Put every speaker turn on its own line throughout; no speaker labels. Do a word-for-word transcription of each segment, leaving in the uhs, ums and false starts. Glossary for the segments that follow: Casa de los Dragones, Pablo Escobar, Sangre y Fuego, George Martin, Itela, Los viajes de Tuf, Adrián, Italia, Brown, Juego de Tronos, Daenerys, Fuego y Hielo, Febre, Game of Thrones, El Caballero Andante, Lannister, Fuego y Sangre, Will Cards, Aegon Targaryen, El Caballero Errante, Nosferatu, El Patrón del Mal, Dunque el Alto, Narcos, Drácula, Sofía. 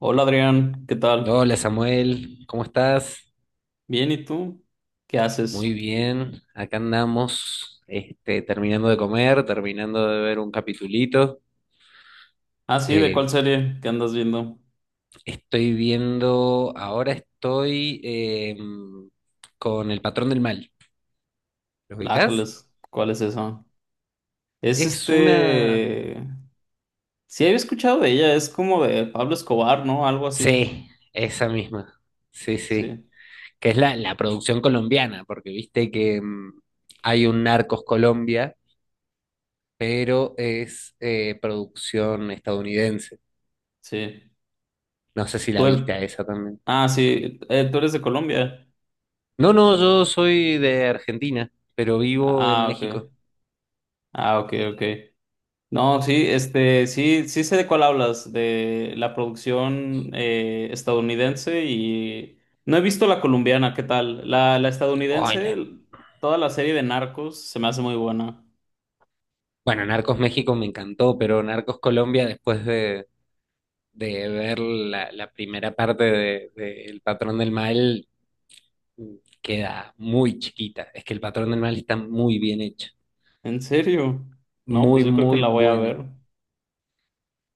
Hola Adrián, ¿qué tal?
Hola Samuel, ¿cómo estás?
Bien, ¿y tú? ¿Qué
Muy
haces?
bien, acá andamos, este, terminando de comer, terminando de ver un capitulito.
Ah, sí, ¿de
Eh,
cuál serie que andas viendo?
Estoy viendo, ahora estoy em, con El Patrón del Mal. ¿Lo ubicás?
Lájales, ¿cuál es esa? Es
Es una...
este... Sí, había escuchado de ella, es como de Pablo Escobar, ¿no? Algo así.
Sí, esa misma. Sí, sí.
Sí,
Que es la, la producción colombiana, porque viste que mm, hay un Narcos Colombia, pero es eh, producción estadounidense.
sí.
No sé si la
Tú eres...
viste a esa también.
Ah, sí, eh, tú eres de Colombia.
No, no, yo soy de Argentina, pero vivo en
Ah, ok.
México.
Ah, ok, ok. No, sí, este, sí, sí sé de cuál hablas, de la producción eh, estadounidense, y no he visto la colombiana. ¿Qué tal la, la
Ay,
estadounidense?
la-
Toda la serie de Narcos se me hace muy buena.
bueno, Narcos México me encantó, pero Narcos Colombia, después de, de ver la, la primera parte de, de El Patrón del Mal, queda muy chiquita. Es que El Patrón del Mal está muy bien hecho,
¿En serio? No, pues
muy,
yo creo que
muy
la voy a
buena.
ver.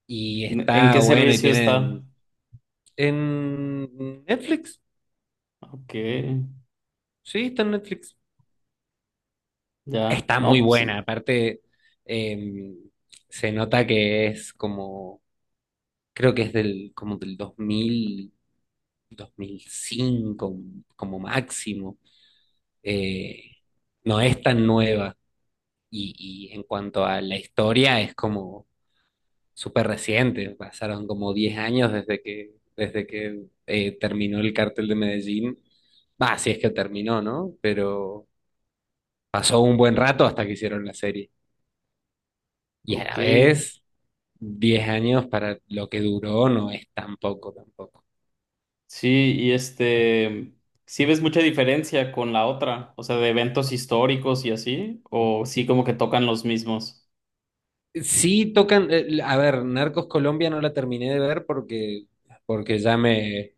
Y
¿En
está
qué
bueno y
servicio está?
tienen... En Netflix,
Ok,
sí, está en Netflix.
ya.
Está muy
No, pues, eh,
buena, aparte eh, se nota que es como, creo que es del, como del dos dos mil dos mil cinco como máximo. Eh, no es tan nueva y, y en cuanto a la historia es como súper reciente, pasaron como diez años desde que, desde que eh, terminó el cartel de Medellín. Va, si es que terminó, ¿no? Pero pasó un buen rato hasta que hicieron la serie. Y a
ok.
la vez diez años para lo que duró no es tan poco tampoco.
Sí, y este, ¿sí ves mucha diferencia con la otra? O sea, de eventos históricos y así, o sí como que tocan los mismos.
Sí tocan, eh, a ver, Narcos Colombia no la terminé de ver porque, porque ya me,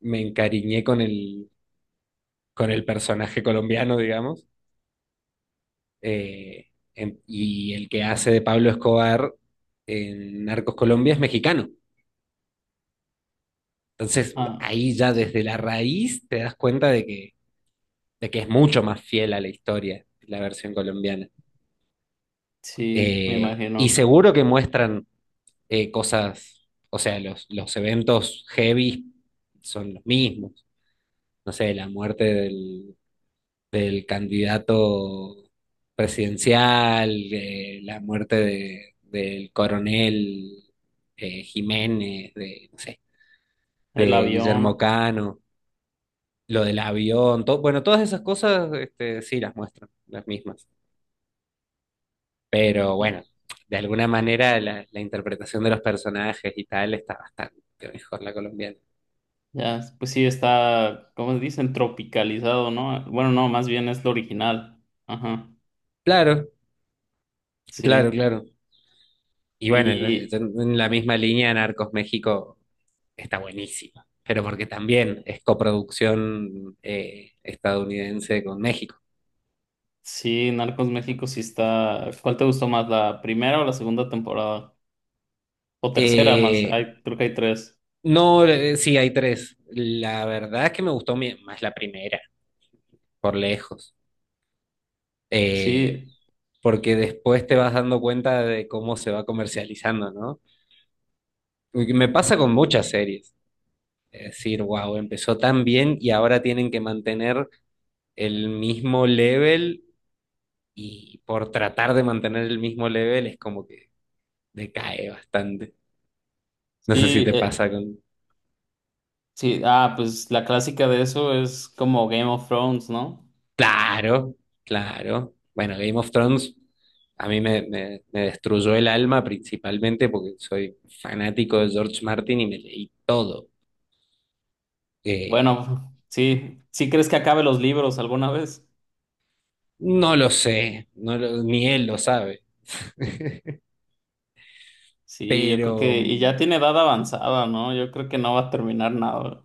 me encariñé con el, con el personaje colombiano, digamos, eh, en- y el que hace de Pablo Escobar en Narcos Colombia es mexicano. Entonces
Ah,
ahí ya
sí,
desde la raíz te das cuenta de que, de que es mucho más fiel a la historia la versión colombiana.
sí, me
Eh, y
imagino.
seguro que muestran eh, cosas, o sea, los, los eventos heavy son los mismos. No sé, la muerte del, del candidato presidencial, eh, la muerte de- del coronel eh, Jiménez, de, no sé,
El
de Guillermo
avión,
Cano, lo del avión, todo, bueno, todas esas cosas este, sí las muestran, las mismas. Pero bueno, de alguna manera la, la interpretación de los personajes y tal está bastante mejor la colombiana.
ya, pues sí está, ¿cómo dicen? Tropicalizado, ¿no? Bueno, no, más bien es lo original. Ajá,
Claro, Claro,
sí.
claro. Y bueno, en
Y
en la misma línea, Narcos México está buenísimo, pero porque también es coproducción eh, estadounidense con México.
sí, Narcos México sí está. ¿Cuál te gustó más, la primera o la segunda temporada? O tercera más,
Eh,
hay, creo que hay tres.
no, eh, sí, hay tres. La verdad es que me gustó mi- más la primera, por lejos. Eh,
Sí,
Porque después te vas dando cuenta de cómo se va comercializando, ¿no? Y me pasa con muchas series. Es decir, wow, empezó tan bien y ahora tienen que mantener el mismo level y por tratar de mantener el mismo level es como que decae bastante. No sé si
sí,
te
eh,
pasa con...
sí. Ah, pues la clásica de eso es como Game of Thrones, ¿no?
Claro, claro. Bueno, Game of Thrones a mí me, me- me destruyó el alma principalmente porque soy fanático de George Martin y me leí todo. Eh,
Bueno, sí, ¿sí crees que acabe los libros alguna vez?
no lo sé, no lo- ni él lo sabe,
Sí, yo creo
pero
que, y ya
mm,
tiene edad avanzada, ¿no? Yo creo que no va a terminar nada.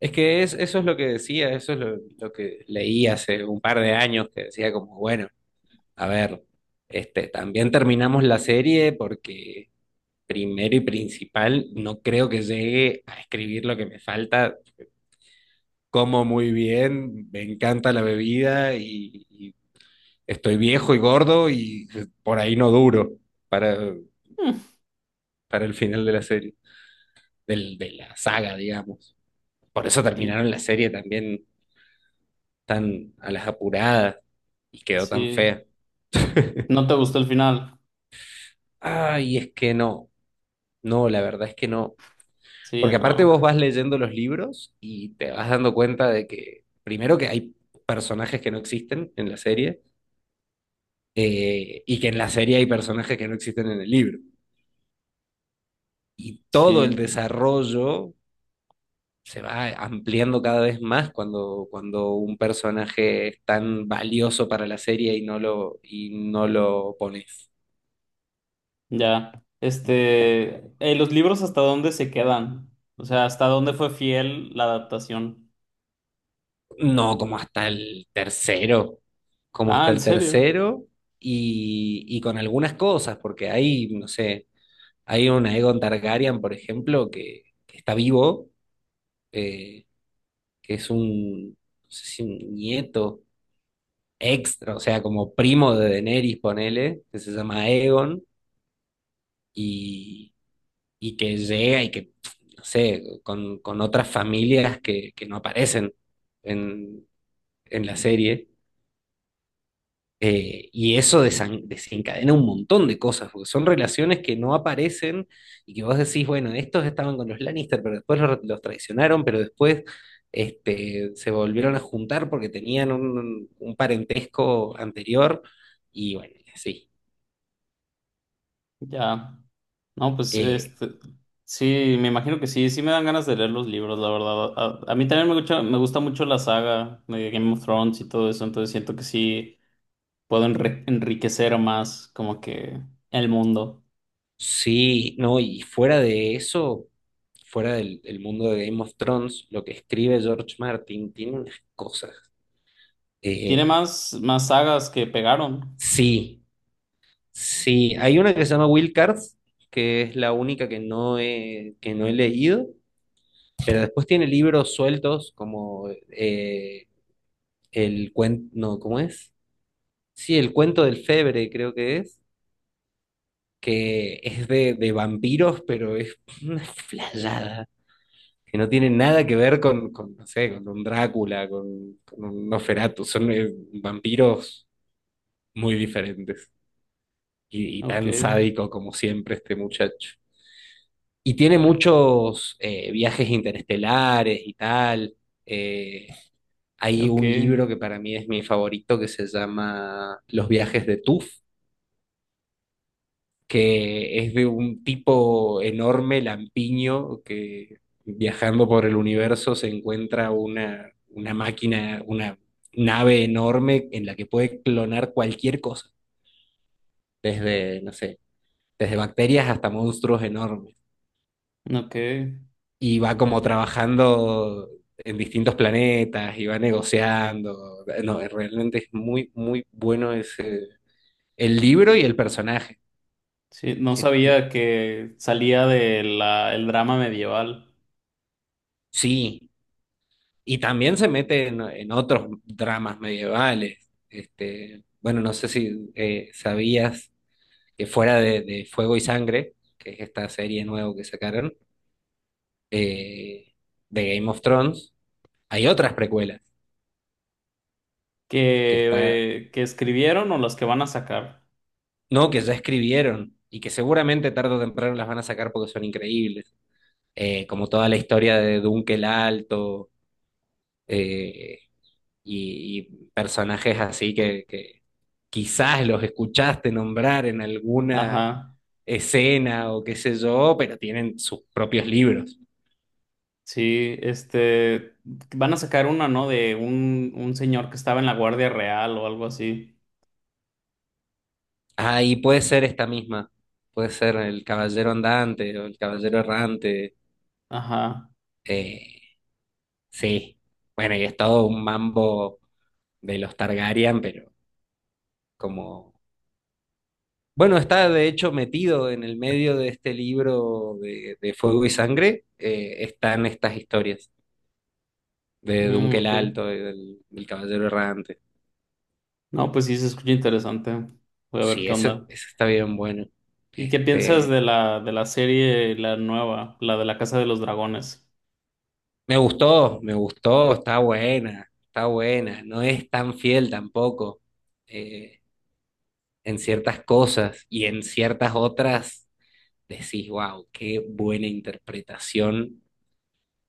es que es, eso es lo que decía, eso es lo, lo que leí hace un par de años, que decía como, bueno. A ver, este, también terminamos la serie porque primero y principal, no creo que llegue a escribir lo que me falta. Como muy bien, me encanta la bebida y, y estoy viejo y gordo y por ahí no duro para,
Mm,
para el final de la serie, del, de la saga, digamos. Por eso
sí,
terminaron la serie también tan a las apuradas y quedó tan
sí.
fea.
¿No te gustó el final?
Ay, es que no, no, la verdad es que no.
Sí,
Porque aparte
no.
vos vas leyendo los libros y te vas dando cuenta de que, primero que hay personajes que no existen en la serie, eh, y que en la serie hay personajes que no existen en el libro. Y todo el
Sí,
desarrollo se va ampliando cada vez más cuando, cuando un personaje es tan valioso para la serie y no lo, y no lo pones.
ya. Este, eh, ¿los libros hasta dónde se quedan? O sea, ¿hasta dónde fue fiel la adaptación?
No, como hasta el tercero, como
Ah,
hasta
¿en
el
serio?
tercero y, y con algunas cosas, porque ahí, no sé. Hay un Aegon Targaryen, por ejemplo, que, que está vivo, eh, que es un, no sé si un nieto extra, o sea, como primo de Daenerys, ponele, que se llama Aegon, y, y que llega y que, no sé, con, con otras familias que, que no aparecen en, en la serie. Eh, y eso desan- desencadena un montón de cosas, porque son relaciones que no aparecen y que vos decís, bueno, estos estaban con los Lannister, pero después los, los traicionaron, pero después este, se volvieron a juntar porque tenían un, un parentesco anterior. Y bueno, sí.
Ya. No, pues
Eh,
este, sí, me imagino que sí, sí me dan ganas de leer los libros, la verdad. A, a mí también me gusta, me gusta mucho la saga de Game of Thrones y todo eso, entonces siento que sí. Puedo enri- enriquecer más como que el mundo.
sí, no, y fuera de eso, fuera del, del mundo de Game of Thrones, lo que escribe George Martin tiene unas cosas.
Tiene
eh,
más, más sagas que pegaron.
sí, Sí, hay una que se llama Will Cards, que es la única que no he, que no he leído, pero después tiene libros sueltos como eh, el cuento, no, ¿cómo es? Sí, el cuento del Febre creo que es, que es de, de vampiros, pero es una flayada, que no tiene nada que ver con, con, no sé, con un Drácula, con, con un Nosferatu, son eh, vampiros muy diferentes y, y
Ok,
tan sádico como siempre este muchacho. Y tiene muchos eh, viajes interestelares y tal. Eh, Hay
ok,
un libro que para mí es mi favorito que se llama Los viajes de Tuf, que es de un tipo enorme, lampiño, que viajando por el universo se encuentra una, una máquina, una nave enorme en la que puede clonar cualquier cosa, desde, no sé, desde bacterias hasta monstruos enormes.
ok.
Y va como trabajando en distintos planetas y va negociando. No, realmente es muy, muy bueno ese, el libro y el personaje.
Sí, no
Eh,
sabía que salía de la, el drama medieval
Sí, y también se mete en, en otros dramas medievales. Este, bueno, no sé si eh, sabías que fuera de, de Fuego y Sangre, que es esta serie nueva que sacaron, eh, de Game of Thrones, hay otras precuelas que está
que, eh, que escribieron o los que van a sacar.
no, que ya escribieron y que seguramente tarde o temprano las van a sacar porque son increíbles. Eh, como toda la historia de Dunque el Alto, eh, y, y personajes así que, que quizás los escuchaste nombrar en alguna
Ajá,
escena o qué sé yo, pero tienen sus propios libros.
sí, este, van a sacar una, ¿no? De un, un señor que estaba en la Guardia Real o algo así.
Ah, y puede ser esta misma. Puede ser El Caballero Andante o El Caballero Errante.
Ajá,
Eh, sí. Bueno, y es todo un mambo de los Targaryen, pero como, bueno, está de hecho metido en el medio de este libro de, de Fuego y Sangre, eh, están estas historias de
mm,
Dunque el
ok.
Alto, y del, del Caballero Errante.
No, pues sí, se escucha interesante. Voy a ver
Sí,
qué
eso,
onda.
eso está bien bueno.
¿Y qué piensas
Este,
de la, de la serie, la nueva, la de la Casa de los Dragones?
me gustó, me gustó, está buena, está buena, no es tan fiel tampoco eh, en ciertas cosas y en ciertas otras decís, wow, qué buena interpretación.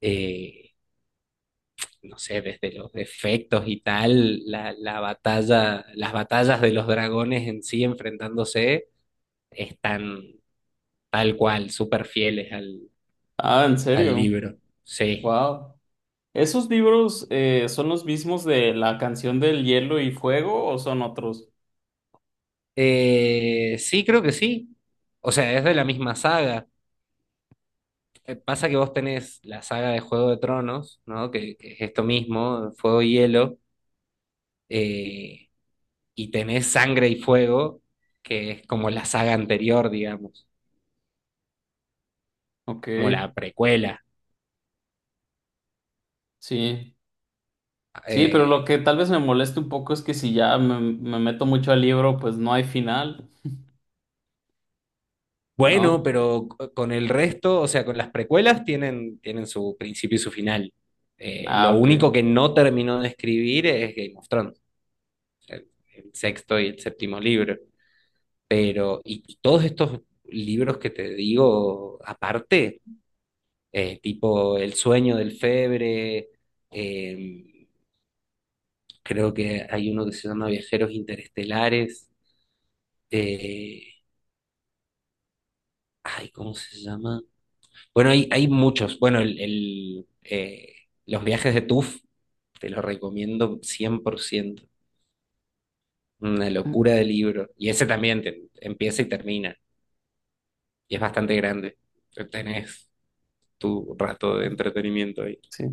eh, no sé, desde los efectos y tal, la, la batalla, las batallas de los dragones en sí enfrentándose están tal cual, súper fieles al,
Ah, ¿en
al
serio?
libro. Sí.
Wow. ¿Esos libros eh, son los mismos de la canción del hielo y fuego o son otros?
Eh, sí, creo que sí. O sea, es de la misma saga. Eh, Pasa que vos tenés la saga de Juego de Tronos, ¿no? Que, que es esto mismo, Fuego y Hielo, eh, y tenés Sangre y Fuego, que es como la saga anterior, digamos,
Ok,
como la precuela.
sí. Sí, pero lo
Eh,
que tal vez me moleste un poco es que si ya me, me meto mucho al libro, pues no hay final,
Bueno,
¿no?
pero c- con el resto, o sea, con las precuelas tienen, tienen su principio y su final. Eh,
Ah,
lo
ok.
único que no terminó de escribir es Game of Thrones, el, el sexto y el séptimo libro. Pero, y, y todos estos libros que te digo aparte, eh, tipo El sueño del Febre, eh, creo que hay uno que se llama Viajeros Interestelares, eh, ay, ¿cómo se llama? Bueno, hay, hay muchos. Bueno, el, el, eh, los viajes de TUF te los recomiendo cien por ciento. Una
Mm,
locura de libro. Y ese también te- empieza y termina. Y es bastante grande. Tenés tu rato de
bueno,
entretenimiento ahí.
sí.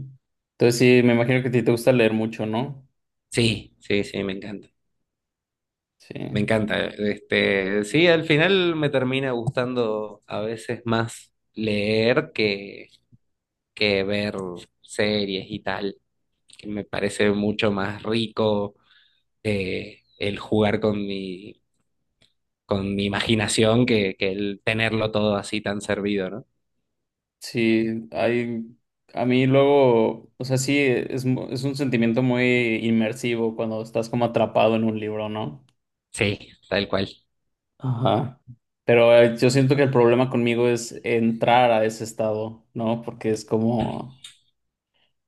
Entonces sí, me imagino que a ti te gusta leer mucho, ¿no?
Sí, sí, sí, me encanta.
Sí.
Me encanta. Este, sí, al final me termina gustando a veces más leer que, que ver series y tal, que me parece mucho más rico eh, el jugar con mi, con mi, imaginación que, que el tenerlo todo así tan servido, ¿no?
Sí, hay, a mí luego, o sea, sí, es, mu- es un sentimiento muy inmersivo cuando estás como atrapado en un libro, ¿no?
Sí, tal cual.
Ajá. Pero eh, yo siento que el problema conmigo es entrar a ese estado, ¿no? Porque es como,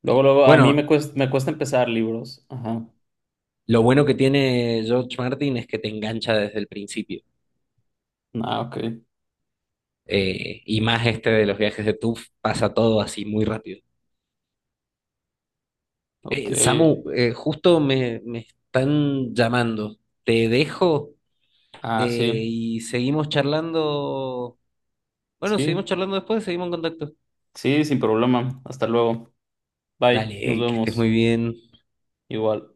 luego, luego, a mí me
Bueno,
cuesta, me cuesta empezar libros. Ajá.
lo bueno que tiene George Martin es que te engancha desde el principio.
Ah, ok,
Eh, y más este de los viajes de TUF, pasa todo así muy rápido.
ok.
Eh, Samu, eh, justo me, me están llamando. Te dejo
Ah, sí,
eh, y seguimos charlando. Bueno, seguimos
sí,
charlando después, seguimos en contacto.
sí, sin problema. Hasta luego. Bye, nos
Dale, que estés muy
vemos.
bien.
Igual.